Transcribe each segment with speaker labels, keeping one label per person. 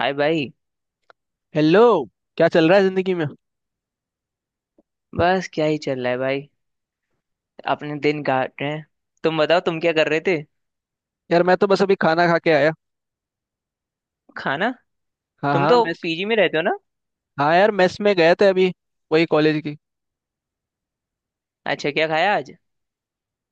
Speaker 1: हाय भाई।
Speaker 2: हेलो। क्या चल रहा है जिंदगी में।
Speaker 1: बस क्या ही चल रहा है भाई। अपने दिन काट रहे हैं। तुम बताओ, तुम क्या कर रहे थे।
Speaker 2: यार, मैं तो बस अभी खाना खा के आया।
Speaker 1: खाना?
Speaker 2: हाँ
Speaker 1: तुम
Speaker 2: हाँ,
Speaker 1: तो
Speaker 2: मेस।
Speaker 1: पीजी में रहते हो ना?
Speaker 2: हाँ यार, मेस में गए थे अभी, वही कॉलेज की।
Speaker 1: अच्छा, क्या खाया आज?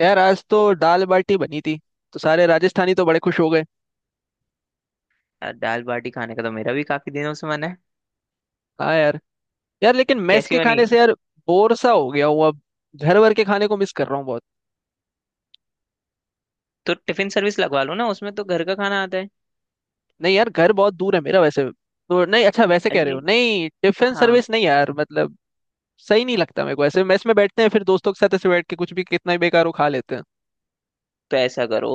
Speaker 2: यार, आज तो दाल बाटी बनी थी, तो सारे राजस्थानी तो बड़े खुश हो गए।
Speaker 1: यार, दाल बाटी खाने का तो मेरा भी काफी दिनों से मन है।
Speaker 2: हाँ यार। यार लेकिन मेस
Speaker 1: कैसी
Speaker 2: के
Speaker 1: बनी?
Speaker 2: खाने से यार, बोर सा हो गया हूँ अब। घर वर के खाने को मिस कर रहा हूँ बहुत।
Speaker 1: तो टिफिन सर्विस लगवा लो ना, उसमें तो घर का खाना आता है।
Speaker 2: नहीं यार, घर बहुत दूर है मेरा। वैसे तो नहीं, अच्छा वैसे कह रहे हो।
Speaker 1: अन्य-
Speaker 2: नहीं टिफिन
Speaker 1: हाँ।
Speaker 2: सर्विस, नहीं यार, मतलब। सही नहीं लगता मेरे को, ऐसे मेस में बैठते हैं फिर दोस्तों के साथ, ऐसे बैठ के कुछ भी, कितना ही बेकार हो, खा लेते हैं।
Speaker 1: तो ऐसा करो।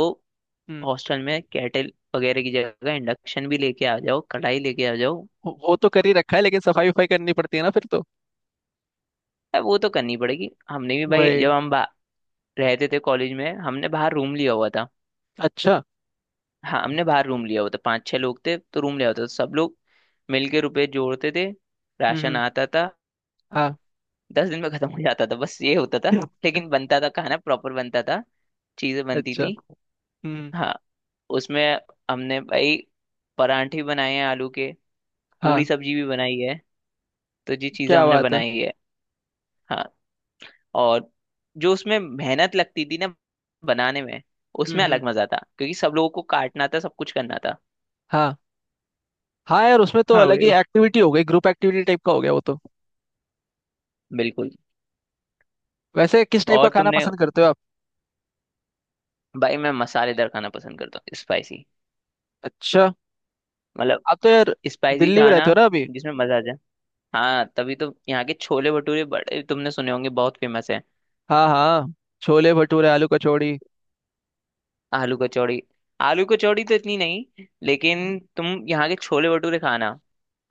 Speaker 2: हम्म।
Speaker 1: हॉस्टल में केटल वगैरह की जगह इंडक्शन भी लेके आ जाओ, कढ़ाई लेके आ जाओ।
Speaker 2: वो तो कर ही रखा है, लेकिन सफाई वफाई करनी पड़ती है ना फिर तो।
Speaker 1: अब वो तो करनी पड़ेगी। हमने भी भाई,
Speaker 2: वही।
Speaker 1: जब हम रहते थे कॉलेज में, हमने बाहर रूम लिया हुआ था।
Speaker 2: अच्छा।
Speaker 1: हाँ, हमने बाहर रूम लिया होता, पांच छह लोग थे तो रूम लिया होता, तो सब लोग मिलके रुपए जोड़ते थे।
Speaker 2: हम्म,
Speaker 1: राशन आता था।
Speaker 2: हाँ।
Speaker 1: 10 दिन में खत्म हो जाता था, बस ये होता था।
Speaker 2: Yeah.
Speaker 1: लेकिन बनता था खाना, प्रॉपर बनता था। चीजें बनती
Speaker 2: अच्छा।
Speaker 1: थी।
Speaker 2: हम्म।
Speaker 1: हाँ। उसमें हमने भाई परांठे भी बनाए हैं आलू के। पूरी
Speaker 2: हाँ।
Speaker 1: सब्जी भी बनाई है। तो ये चीजें
Speaker 2: क्या
Speaker 1: हमने
Speaker 2: बात है।
Speaker 1: बनाई है। हाँ। और जो उसमें मेहनत लगती थी ना बनाने में,
Speaker 2: हम्म,
Speaker 1: उसमें अलग मजा था क्योंकि सब लोगों को काटना था, सब कुछ करना था।
Speaker 2: हाँ। हाँ यार, उसमें तो
Speaker 1: हाँ
Speaker 2: अलग
Speaker 1: भाई,
Speaker 2: ही एक्टिविटी हो गई, ग्रुप एक्टिविटी टाइप का हो गया वो तो।
Speaker 1: बिल्कुल।
Speaker 2: वैसे किस टाइप का
Speaker 1: और
Speaker 2: खाना
Speaker 1: तुमने?
Speaker 2: पसंद करते हो आप?
Speaker 1: भाई, मैं मसालेदार खाना पसंद करता हूँ, स्पाइसी।
Speaker 2: अच्छा।
Speaker 1: मतलब
Speaker 2: आप तो यार
Speaker 1: स्पाइसी
Speaker 2: दिल्ली में
Speaker 1: खाना,
Speaker 2: रहते हो ना अभी।
Speaker 1: जिसमें मजा आ जाए। हाँ, तभी तो यहाँ के छोले भटूरे बड़े तुमने सुने होंगे, बहुत फेमस है।
Speaker 2: हाँ हाँ। छोले भटूरे, आलू कचौड़ी।
Speaker 1: आलू कचौड़ी। आलू कचौड़ी तो इतनी नहीं, लेकिन तुम यहाँ के छोले भटूरे खाना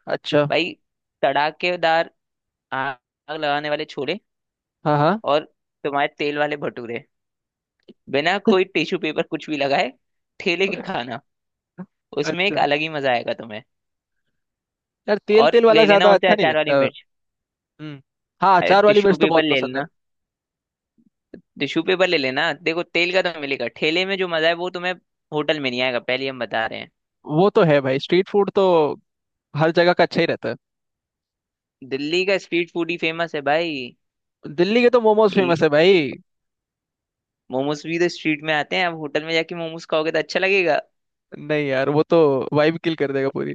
Speaker 2: अच्छा।
Speaker 1: भाई। तड़ाकेदार, आग लगाने वाले छोले।
Speaker 2: हाँ हाँ।
Speaker 1: और तुम्हारे तेल वाले भटूरे, बिना कोई टिश्यू पेपर कुछ भी लगाए, ठेले के खाना, उसमें एक
Speaker 2: अच्छा।
Speaker 1: अलग ही मजा आएगा तुम्हें।
Speaker 2: यार तेल
Speaker 1: और
Speaker 2: तेल वाला
Speaker 1: ले लेना
Speaker 2: ज्यादा
Speaker 1: उनसे
Speaker 2: अच्छा नहीं
Speaker 1: अचार वाली
Speaker 2: लगता।
Speaker 1: मिर्च।
Speaker 2: हम्म। हाँ,
Speaker 1: अरे,
Speaker 2: अचार वाली
Speaker 1: टिश्यू
Speaker 2: मिर्च तो
Speaker 1: पेपर
Speaker 2: बहुत
Speaker 1: ले
Speaker 2: पसंद है।
Speaker 1: लेना। टिश्यू पेपर ले लेना, देखो, तेल का तो मिलेगा, ठेले में जो मजा है वो तुम्हें होटल में नहीं आएगा, पहले हम बता रहे हैं।
Speaker 2: वो तो है भाई, स्ट्रीट फूड तो हर जगह का अच्छा ही रहता है।
Speaker 1: दिल्ली का स्ट्रीट फूड ही फेमस है भाई।
Speaker 2: दिल्ली के तो मोमोज
Speaker 1: ये
Speaker 2: फेमस है भाई।
Speaker 1: मोमोज भी तो स्ट्रीट में आते हैं, अब होटल में जाके मोमोज खाओगे तो अच्छा लगेगा?
Speaker 2: नहीं यार, वो तो वाइब किल कर देगा पूरी।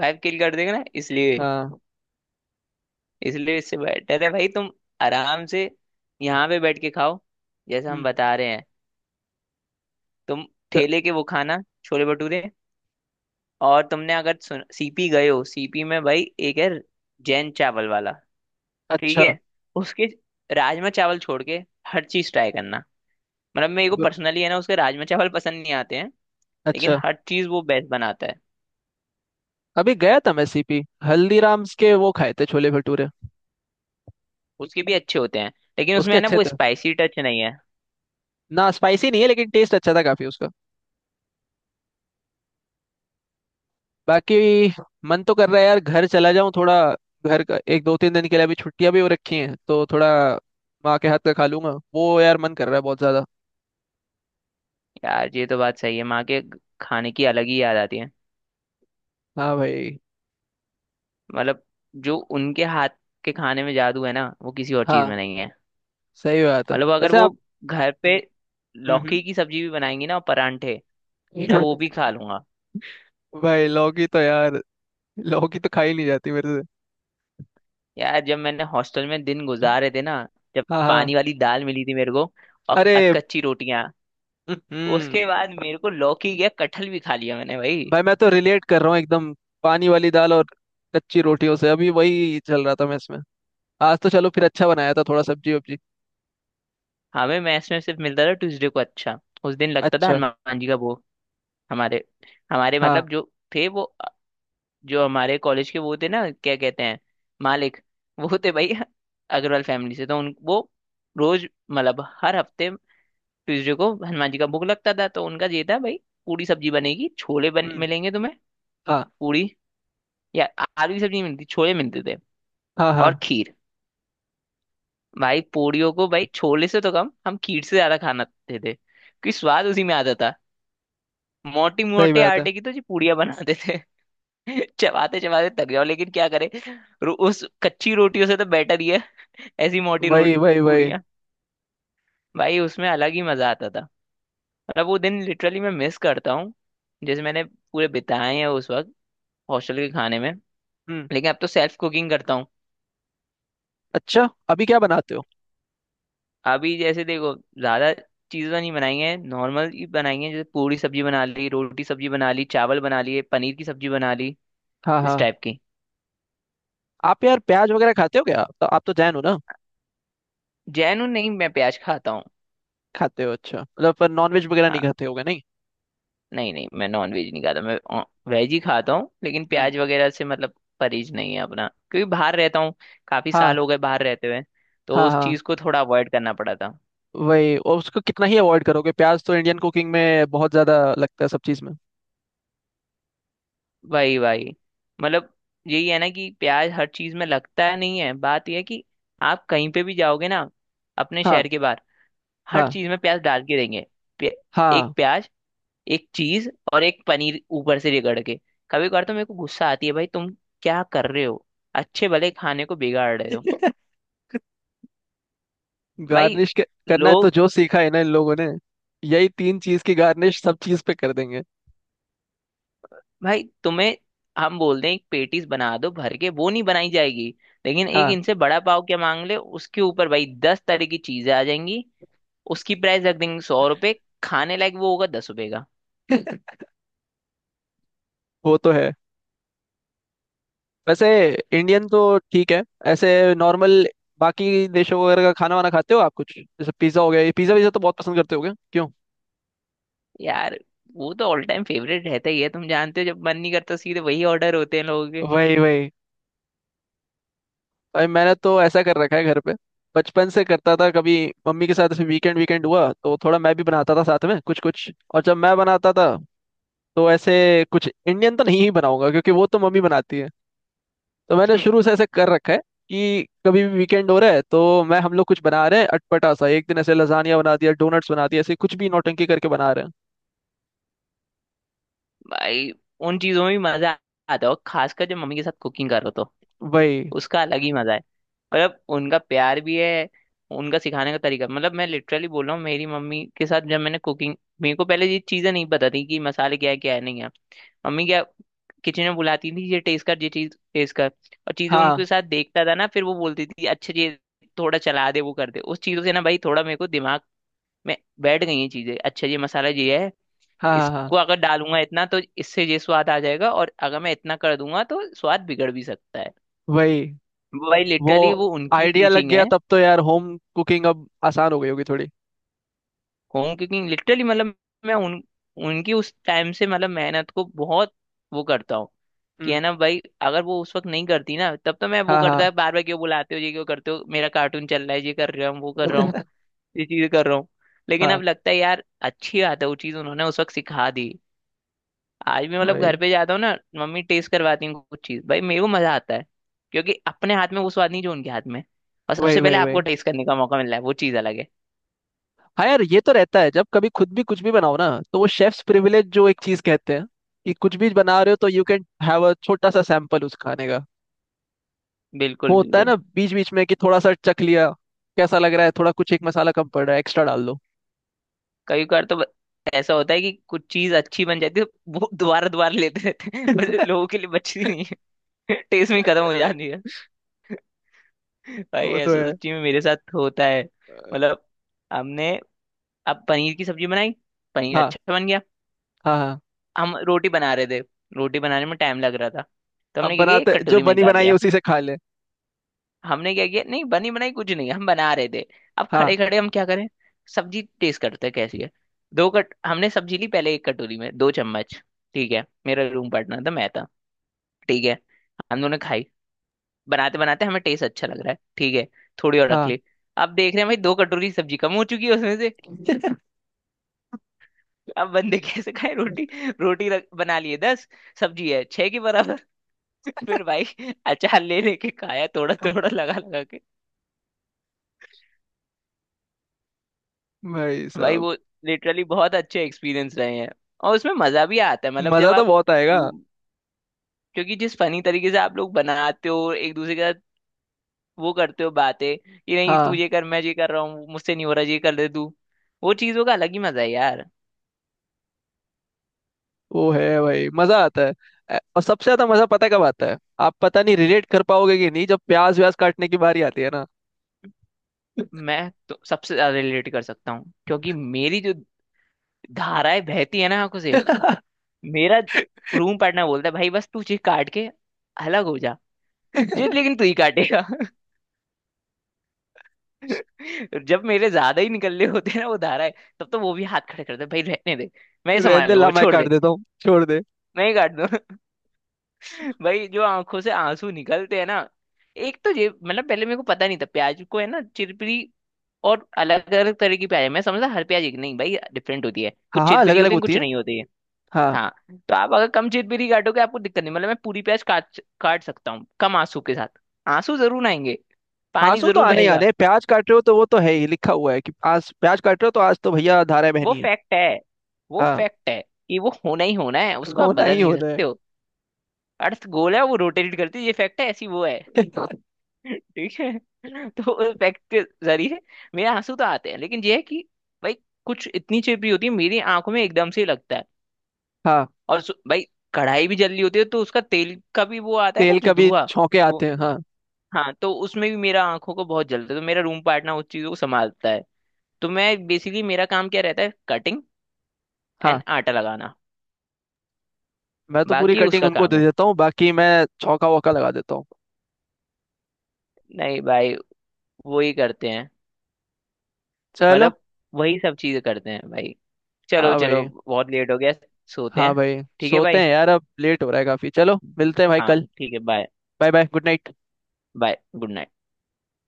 Speaker 1: वाइब किल कर देगा ना, इसलिए
Speaker 2: हाँ।
Speaker 1: इसलिए इससे बेटर है भाई, तुम आराम से यहाँ पे बैठ के खाओ जैसा हम
Speaker 2: हम्म।
Speaker 1: बता रहे हैं। तुम
Speaker 2: तो,
Speaker 1: ठेले के वो खाना छोले भटूरे। और तुमने अगर सीपी गए हो, सीपी में भाई एक है, जैन चावल वाला। ठीक
Speaker 2: अच्छा।
Speaker 1: है? उसके राजमा चावल छोड़ के हर चीज ट्राई करना। मतलब मेरे को
Speaker 2: फिर-
Speaker 1: पर्सनली है ना, उसके राजमा चावल पसंद नहीं आते हैं, लेकिन
Speaker 2: अच्छा।
Speaker 1: हर चीज वो बेस्ट बनाता है।
Speaker 2: अभी गया था मैं सीपी, हल्दीराम्स के वो खाए थे छोले भटूरे।
Speaker 1: उसके भी अच्छे होते हैं, लेकिन उसमें
Speaker 2: उसके
Speaker 1: है ना
Speaker 2: अच्छे
Speaker 1: वो
Speaker 2: थे।
Speaker 1: स्पाइसी टच नहीं है।
Speaker 2: ना स्पाइसी नहीं है, लेकिन टेस्ट अच्छा था काफी उसका। बाकी, मन तो कर रहा है यार घर चला जाऊं थोड़ा। घर का, एक दो तीन दिन के लिए अभी छुट्टियां भी हो रखी हैं तो थोड़ा, माँ के हाथ का खा लूंगा वो, यार मन कर रहा है बहुत ज्यादा।
Speaker 1: यार, ये तो बात सही है, माँ के खाने की अलग ही याद आती है।
Speaker 2: हाँ भाई।
Speaker 1: मतलब जो उनके हाथ के खाने में जादू है ना वो किसी और चीज
Speaker 2: हाँ।
Speaker 1: में नहीं है।
Speaker 2: सही बात है
Speaker 1: मतलब अगर
Speaker 2: वैसे
Speaker 1: वो
Speaker 2: आप।
Speaker 1: घर पे
Speaker 2: हम्म, हम्म।
Speaker 1: लौकी की सब्जी भी बनाएंगी ना और परांठे, मैं वो भी खा लूंगा।
Speaker 2: भाई लौकी तो यार, लौकी तो खाई नहीं जाती मेरे।
Speaker 1: यार, जब मैंने हॉस्टल में दिन गुजारे थे ना, जब
Speaker 2: हाँ हाँ।
Speaker 1: पानी वाली दाल मिली थी मेरे को और
Speaker 2: अरे।
Speaker 1: अधकच्ची रोटियां,
Speaker 2: हम्म।
Speaker 1: उसके बाद मेरे को लौकी या कटहल भी खा लिया मैंने भाई।
Speaker 2: भाई मैं तो रिलेट कर रहा हूँ एकदम। पानी वाली दाल और कच्ची रोटियों से, अभी वही चल रहा था मैं इसमें। आज तो चलो फिर, अच्छा बनाया था थोड़ा, सब्जी वब्जी।
Speaker 1: हमें मैस में सिर्फ मिलता था ट्यूसडे को। अच्छा, उस दिन लगता था
Speaker 2: अच्छा।
Speaker 1: हनुमान जी का भोग। हमारे हमारे
Speaker 2: हाँ।
Speaker 1: मतलब जो थे वो जो हमारे कॉलेज के वो थे ना, क्या कहते हैं, मालिक, वो थे भाई अग्रवाल फैमिली से। तो उन वो, रोज मतलब हर हफ्ते ट्यूसडे को हनुमान जी का भोग लगता था। तो उनका ये था भाई, पूरी सब्जी बनेगी, छोले बन
Speaker 2: हम्म।
Speaker 1: मिलेंगे तुम्हें।
Speaker 2: हाँ
Speaker 1: पूरी, या आलू की सब्जी नहीं मिलती, छोले मिलते थे,
Speaker 2: हाँ हाँ।
Speaker 1: और खीर। भाई, पूरियों को भाई छोले से तो कम, हम खीर से ज्यादा खाना खाते थे क्योंकि स्वाद उसी में आता था। मोटी,
Speaker 2: सही
Speaker 1: मोटे
Speaker 2: बात है।
Speaker 1: आटे की तो जी पूड़ियाँ बनाते थे। चबाते चबाते थक जाओ, लेकिन क्या करे, उस कच्ची रोटियों से तो बेटर ही है। ऐसी मोटी
Speaker 2: वही
Speaker 1: रोट
Speaker 2: वही वही।
Speaker 1: पूड़ियाँ, भाई उसमें अलग ही मजा आता था। मतलब वो दिन लिटरली मैं मिस करता हूँ, जैसे मैंने पूरे बिताए हैं उस वक्त हॉस्टल के खाने में।
Speaker 2: हम्म।
Speaker 1: लेकिन अब तो सेल्फ कुकिंग करता हूँ।
Speaker 2: अच्छा, अभी क्या बनाते हो?
Speaker 1: अभी जैसे देखो, ज्यादा चीजें नहीं बनाएंगे, नॉर्मल ही बनाएंगे, जैसे पूरी सब्जी बना ली, रोटी सब्जी बना ली, चावल बना लिए, पनीर की सब्जी बना ली,
Speaker 2: हाँ
Speaker 1: इस
Speaker 2: हाँ।
Speaker 1: टाइप की।
Speaker 2: आप यार प्याज वगैरह खाते हो क्या? तो आप तो जैन हो ना?
Speaker 1: जैनू नहीं, मैं प्याज खाता हूँ।
Speaker 2: खाते हो अच्छा, मतलब पर नॉन वेज वगैरह नहीं
Speaker 1: हाँ,
Speaker 2: खाते होगे, नहीं?
Speaker 1: नहीं नहीं, मैं नॉन वेज नहीं खाता, मैं वेज ही खाता हूँ, लेकिन
Speaker 2: हम्म।
Speaker 1: प्याज वगैरह से मतलब परहेज नहीं है अपना, क्योंकि बाहर रहता हूँ, काफी
Speaker 2: हाँ
Speaker 1: साल हो गए बाहर रहते हुए, तो
Speaker 2: हाँ
Speaker 1: उस
Speaker 2: हाँ।
Speaker 1: चीज को थोड़ा अवॉइड करना पड़ा था।
Speaker 2: वही, और उसको कितना ही अवॉइड करोगे, प्याज तो इंडियन कुकिंग में बहुत ज्यादा लगता है सब चीज में।
Speaker 1: वही वही। मतलब यही है ना कि प्याज हर चीज में लगता है, नहीं, है बात यह है कि आप कहीं पे भी जाओगे ना अपने शहर
Speaker 2: हाँ
Speaker 1: के बाहर, हर
Speaker 2: हाँ
Speaker 1: चीज में प्याज डाल के देंगे। प्या, एक
Speaker 2: हाँ।
Speaker 1: प्याज, एक चीज और एक पनीर ऊपर से रगड़ के, कभी कभार तो मेरे को गुस्सा आती है, भाई तुम क्या कर रहे हो, अच्छे भले खाने को बिगाड़ रहे हो। भाई।
Speaker 2: गार्निश करना है तो
Speaker 1: लोग।
Speaker 2: जो सीखा है ना इन लोगों ने, यही तीन चीज की गार्निश सब चीज पे कर देंगे।
Speaker 1: भाई तुम्हें हम बोल दें एक पेटीज बना दो भर के, वो नहीं बनाई जाएगी, लेकिन एक
Speaker 2: हाँ।
Speaker 1: इनसे बड़ा पाव क्या मांग ले उसके ऊपर भाई 10 तरह की चीजें आ जाएंगी। उसकी प्राइस रख देंगे 100 रुपए। खाने लायक वो होगा 10 रुपए का।
Speaker 2: वो तो है। वैसे, इंडियन तो ठीक है, ऐसे नॉर्मल। बाकी देशों वगैरह का खाना वाना खाते हो आप कुछ? जैसे पिज्जा हो गया, ये पिज्जा विज्जा तो बहुत पसंद करते हो क्या? क्यों?
Speaker 1: यार, वो तो ऑल टाइम फेवरेट रहता ही है, तुम जानते हो, जब मन नहीं करता सीधे वही ऑर्डर होते हैं लोगों।
Speaker 2: वही वही। भाई मैंने तो ऐसा कर रखा है घर पे, बचपन से करता था। कभी मम्मी के साथ ऐसे, वीकेंड वीकेंड हुआ तो थोड़ा मैं भी बनाता था साथ में कुछ कुछ। और जब मैं बनाता था तो ऐसे, कुछ इंडियन तो नहीं ही बनाऊंगा क्योंकि वो तो मम्मी बनाती है। तो मैंने
Speaker 1: हम्म।
Speaker 2: शुरू से ऐसे कर रखा है कि कभी भी वीकेंड हो रहा है तो मैं, हम लोग कुछ बना रहे हैं अटपटा सा। एक दिन ऐसे लजानिया बना दिया, डोनट्स बना दिया, ऐसे कुछ भी नौटंकी करके बना रहे हैं।
Speaker 1: भाई, उन चीजों में भी मजा आता है, और खासकर जब मम्मी के साथ कुकिंग करो तो
Speaker 2: वही।
Speaker 1: उसका अलग ही मजा है। मतलब उनका प्यार भी है, उनका सिखाने का तरीका, मतलब मैं लिटरली बोल रहा हूँ, मेरी मम्मी के साथ जब मैंने कुकिंग, मेरे को पहले ये चीजें नहीं पता थी कि मसाले क्या है, क्या है नहीं है। मम्मी क्या किचन में बुलाती थी, ये टेस्ट कर, ये चीज टेस्ट कर, और चीजें उनके
Speaker 2: हाँ
Speaker 1: साथ देखता था ना, फिर वो बोलती थी, अच्छा ये थोड़ा चला दे, वो कर दे, उस चीजों से ना भाई थोड़ा मेरे को दिमाग में बैठ गई ये चीजें, अच्छा ये मसाला ये है,
Speaker 2: हाँ हाँ हाँ।
Speaker 1: इसको अगर डालूंगा इतना तो इससे ये स्वाद आ जाएगा, और अगर मैं इतना कर दूंगा तो स्वाद बिगड़ भी सकता है।
Speaker 2: वही।
Speaker 1: वो भाई
Speaker 2: वो
Speaker 1: लिटरली वो उनकी
Speaker 2: आइडिया लग
Speaker 1: टीचिंग
Speaker 2: गया
Speaker 1: है।
Speaker 2: तब तो यार, होम कुकिंग अब आसान हो गई होगी थोड़ी।
Speaker 1: होम कुकिंग लिटरली मतलब, मैं उन उनकी उस टाइम से मतलब मेहनत को बहुत वो करता हूँ। कि
Speaker 2: हम्म।
Speaker 1: है ना भाई, अगर वो उस वक्त नहीं करती ना, तब तो मैं वो
Speaker 2: हाँ हाँ।
Speaker 1: करता है, बार बार क्यों बुलाते हो, ये क्यों करते हो, मेरा कार्टून चल रहा है, ये कर रहा हूँ, वो कर रहा हूँ, ये चीज़ कर रहा हूँ। लेकिन
Speaker 2: हाँ।
Speaker 1: अब लगता है यार, अच्छी बात है, वो चीज़ उन्होंने उस वक्त सिखा दी। आज भी मतलब घर
Speaker 2: वही
Speaker 1: पे जाता हूँ ना, मम्मी टेस्ट करवाती हैं कुछ चीज, भाई मेरे को मजा आता है, क्योंकि अपने हाथ में वो स्वाद नहीं जो उनके हाथ में है। और
Speaker 2: वही
Speaker 1: सबसे पहले
Speaker 2: वही वही।
Speaker 1: आपको टेस्ट करने का मौका मिल रहा है, वो चीज अलग है।
Speaker 2: हाँ यार, ये तो रहता है जब कभी खुद भी कुछ भी बनाओ ना, तो वो शेफ्स प्रिविलेज जो एक चीज कहते हैं, कि कुछ भी बना रहे हो तो यू कैन हैव अ छोटा सा सैंपल उस खाने का।
Speaker 1: बिल्कुल
Speaker 2: होता है
Speaker 1: बिल्कुल।
Speaker 2: ना बीच बीच में कि थोड़ा सा चख लिया, कैसा लग रहा है, थोड़ा कुछ एक मसाला कम पड़ रहा है एक्स्ट्रा डाल दो।
Speaker 1: कई बार तो ऐसा होता है कि कुछ चीज अच्छी बन जाती है, वो दोबारा दोबारा लेते रहते हैं, पर लोगों के लिए बचती नहीं है, टेस्ट में खत्म हो जाती है। भाई
Speaker 2: वो तो
Speaker 1: ऐसा
Speaker 2: है।
Speaker 1: सच्ची में मेरे साथ होता है।
Speaker 2: अ,
Speaker 1: मतलब हमने अब पनीर की सब्जी बनाई, पनीर
Speaker 2: हाँ
Speaker 1: अच्छा बन गया,
Speaker 2: हाँ हाँ।
Speaker 1: हम रोटी बना रहे थे, रोटी बनाने में टाइम लग रहा था, तो
Speaker 2: अब
Speaker 1: हमने क्या किया एक
Speaker 2: बनाते जो
Speaker 1: कटोरी में
Speaker 2: बनी
Speaker 1: निकाल
Speaker 2: बनाई है
Speaker 1: लिया।
Speaker 2: उसी से खा ले।
Speaker 1: हमने क्या किया, नहीं बनी बनाई कुछ नहीं, हम बना रहे थे। अब
Speaker 2: हाँ
Speaker 1: खड़े खड़े हम क्या करें, सब्जी टेस्ट करते हैं कैसी है। दो कट हमने सब्जी ली पहले एक कटोरी में, दो चम्मच। ठीक है, मेरा रूम पार्टनर था, मैं था, ठीक है, हम दोनों ने खाई। बनाते बनाते हमें टेस्ट अच्छा लग रहा है, ठीक है, थोड़ी और रख
Speaker 2: हाँ।
Speaker 1: ली। अब देख रहे हैं भाई, दो कटोरी सब्जी कम हो चुकी है उसमें से। अब बंदे कैसे खाए रोटी। रोटी बना लिए 10, सब्जी है छह के बराबर, फिर भाई अचार ले लेके खाया थोड़ा थोड़ा लगा लगा के।
Speaker 2: भाई
Speaker 1: भाई
Speaker 2: साहब।
Speaker 1: वो लिटरली बहुत अच्छे एक्सपीरियंस रहे हैं। और उसमें मजा भी आता है, मतलब
Speaker 2: मजा
Speaker 1: जब
Speaker 2: तो
Speaker 1: आप
Speaker 2: बहुत आएगा।
Speaker 1: रूम क्योंकि जिस फनी तरीके से आप लोग बनाते हो एक दूसरे के साथ, वो करते हो बातें कि नहीं तू
Speaker 2: हाँ।
Speaker 1: ये कर, मैं ये कर रहा हूँ, मुझसे नहीं हो रहा ये कर दे तू, वो चीजों का अलग ही मजा है यार।
Speaker 2: वो है भाई, मजा आता है। और सबसे ज्यादा मजा पता है कब आता है? आप पता नहीं रिलेट कर पाओगे कि नहीं, जब प्याज व्याज काटने की बारी आती है ना।
Speaker 1: मैं तो सबसे ज्यादा रिलेट कर सकता हूँ, क्योंकि मेरी जो धाराएं बहती है ना आंखों से, मेरा रूम पार्टनर बोलता है, भाई बस तू ये काट के अलग हो जा, ये लेकिन तू ही काटेगा। जब मेरे ज्यादा ही निकलने होते हैं ना वो धारा है, तब तो वो भी हाथ खड़े करते हैं, भाई रहने दे, मैं ही
Speaker 2: रहने
Speaker 1: संभाल
Speaker 2: दे,
Speaker 1: लूँ,
Speaker 2: ला
Speaker 1: वो
Speaker 2: मैं
Speaker 1: छोड़
Speaker 2: काट
Speaker 1: दे,
Speaker 2: देता हूँ, छोड़ दे।
Speaker 1: मैं ही काट दूँ। भाई जो आंखों से आंसू निकलते हैं ना, एक तो ये मतलब पहले मेरे को पता नहीं था, प्याज को है ना चिरपिरी, और अलग अलग तरह की प्याज है, मैं समझा हर प्याज एक, नहीं भाई डिफरेंट होती है,
Speaker 2: हाँ
Speaker 1: कुछ
Speaker 2: हाँ, अलग
Speaker 1: चिरपिरी
Speaker 2: अलग
Speaker 1: होती है,
Speaker 2: होती
Speaker 1: कुछ
Speaker 2: है।
Speaker 1: नहीं होती है। हाँ, तो आप अगर कम चिरपिरी काटोगे आपको दिक्कत नहीं, मतलब मैं पूरी प्याज काट काट सकता हूँ कम आंसू के साथ। आंसू जरूर आएंगे। पानी
Speaker 2: आंसू तो
Speaker 1: जरूर
Speaker 2: आने ही आने
Speaker 1: बहेगा।
Speaker 2: हैं। प्याज काट रहे हो तो वो तो है ही, लिखा हुआ है कि आज प्याज काट रहे हो तो आज तो भैया धारा
Speaker 1: वो
Speaker 2: बहनी है।
Speaker 1: फैक्ट है। वो
Speaker 2: हाँ।
Speaker 1: फैक्ट है कि वो होना ही होना है, उसको आप
Speaker 2: होना
Speaker 1: बदल
Speaker 2: ही
Speaker 1: नहीं
Speaker 2: होना है।
Speaker 1: सकते हो। अर्थ गोल है वो रोटेट करती है, ये फैक्ट है, ऐसी वो है। ठीक है। तो उस फैक्ट के जरिए मेरे आंसू तो आते हैं, लेकिन ये है कि भाई कुछ इतनी चिपड़ी होती है, मेरी आंखों में एकदम से ही लगता है।
Speaker 2: हाँ।
Speaker 1: और भाई कढ़ाई भी जल रही होती है, तो उसका तेल का भी वो आता है ना,
Speaker 2: तेल
Speaker 1: जो
Speaker 2: कभी
Speaker 1: धुआं।
Speaker 2: छौके
Speaker 1: वो,
Speaker 2: आते हैं, हाँ।
Speaker 1: हाँ, तो उसमें भी मेरा आंखों को बहुत जलता है, तो मेरा रूम पार्टनर उस चीजों को संभालता है। तो मैं बेसिकली, मेरा काम क्या रहता है, कटिंग एंड
Speaker 2: हाँ।
Speaker 1: आटा लगाना।
Speaker 2: मैं तो पूरी
Speaker 1: बाकी
Speaker 2: कटिंग
Speaker 1: उसका
Speaker 2: उनको
Speaker 1: काम
Speaker 2: दे
Speaker 1: है।
Speaker 2: देता हूँ, बाकी मैं छौका वौका लगा देता हूँ।
Speaker 1: नहीं भाई, वही करते हैं,
Speaker 2: चलो।
Speaker 1: मतलब वही सब चीजें करते हैं भाई। चलो
Speaker 2: हाँ
Speaker 1: चलो।
Speaker 2: भाई।
Speaker 1: बहुत लेट हो गया। सोते
Speaker 2: हाँ
Speaker 1: हैं।
Speaker 2: भाई।
Speaker 1: ठीक है
Speaker 2: सोते
Speaker 1: भाई।
Speaker 2: हैं यार, अब लेट हो रहा है काफी, चलो मिलते हैं भाई
Speaker 1: हाँ
Speaker 2: कल।
Speaker 1: ठीक है, bye.
Speaker 2: Bye bye, good night.
Speaker 1: Bye good night.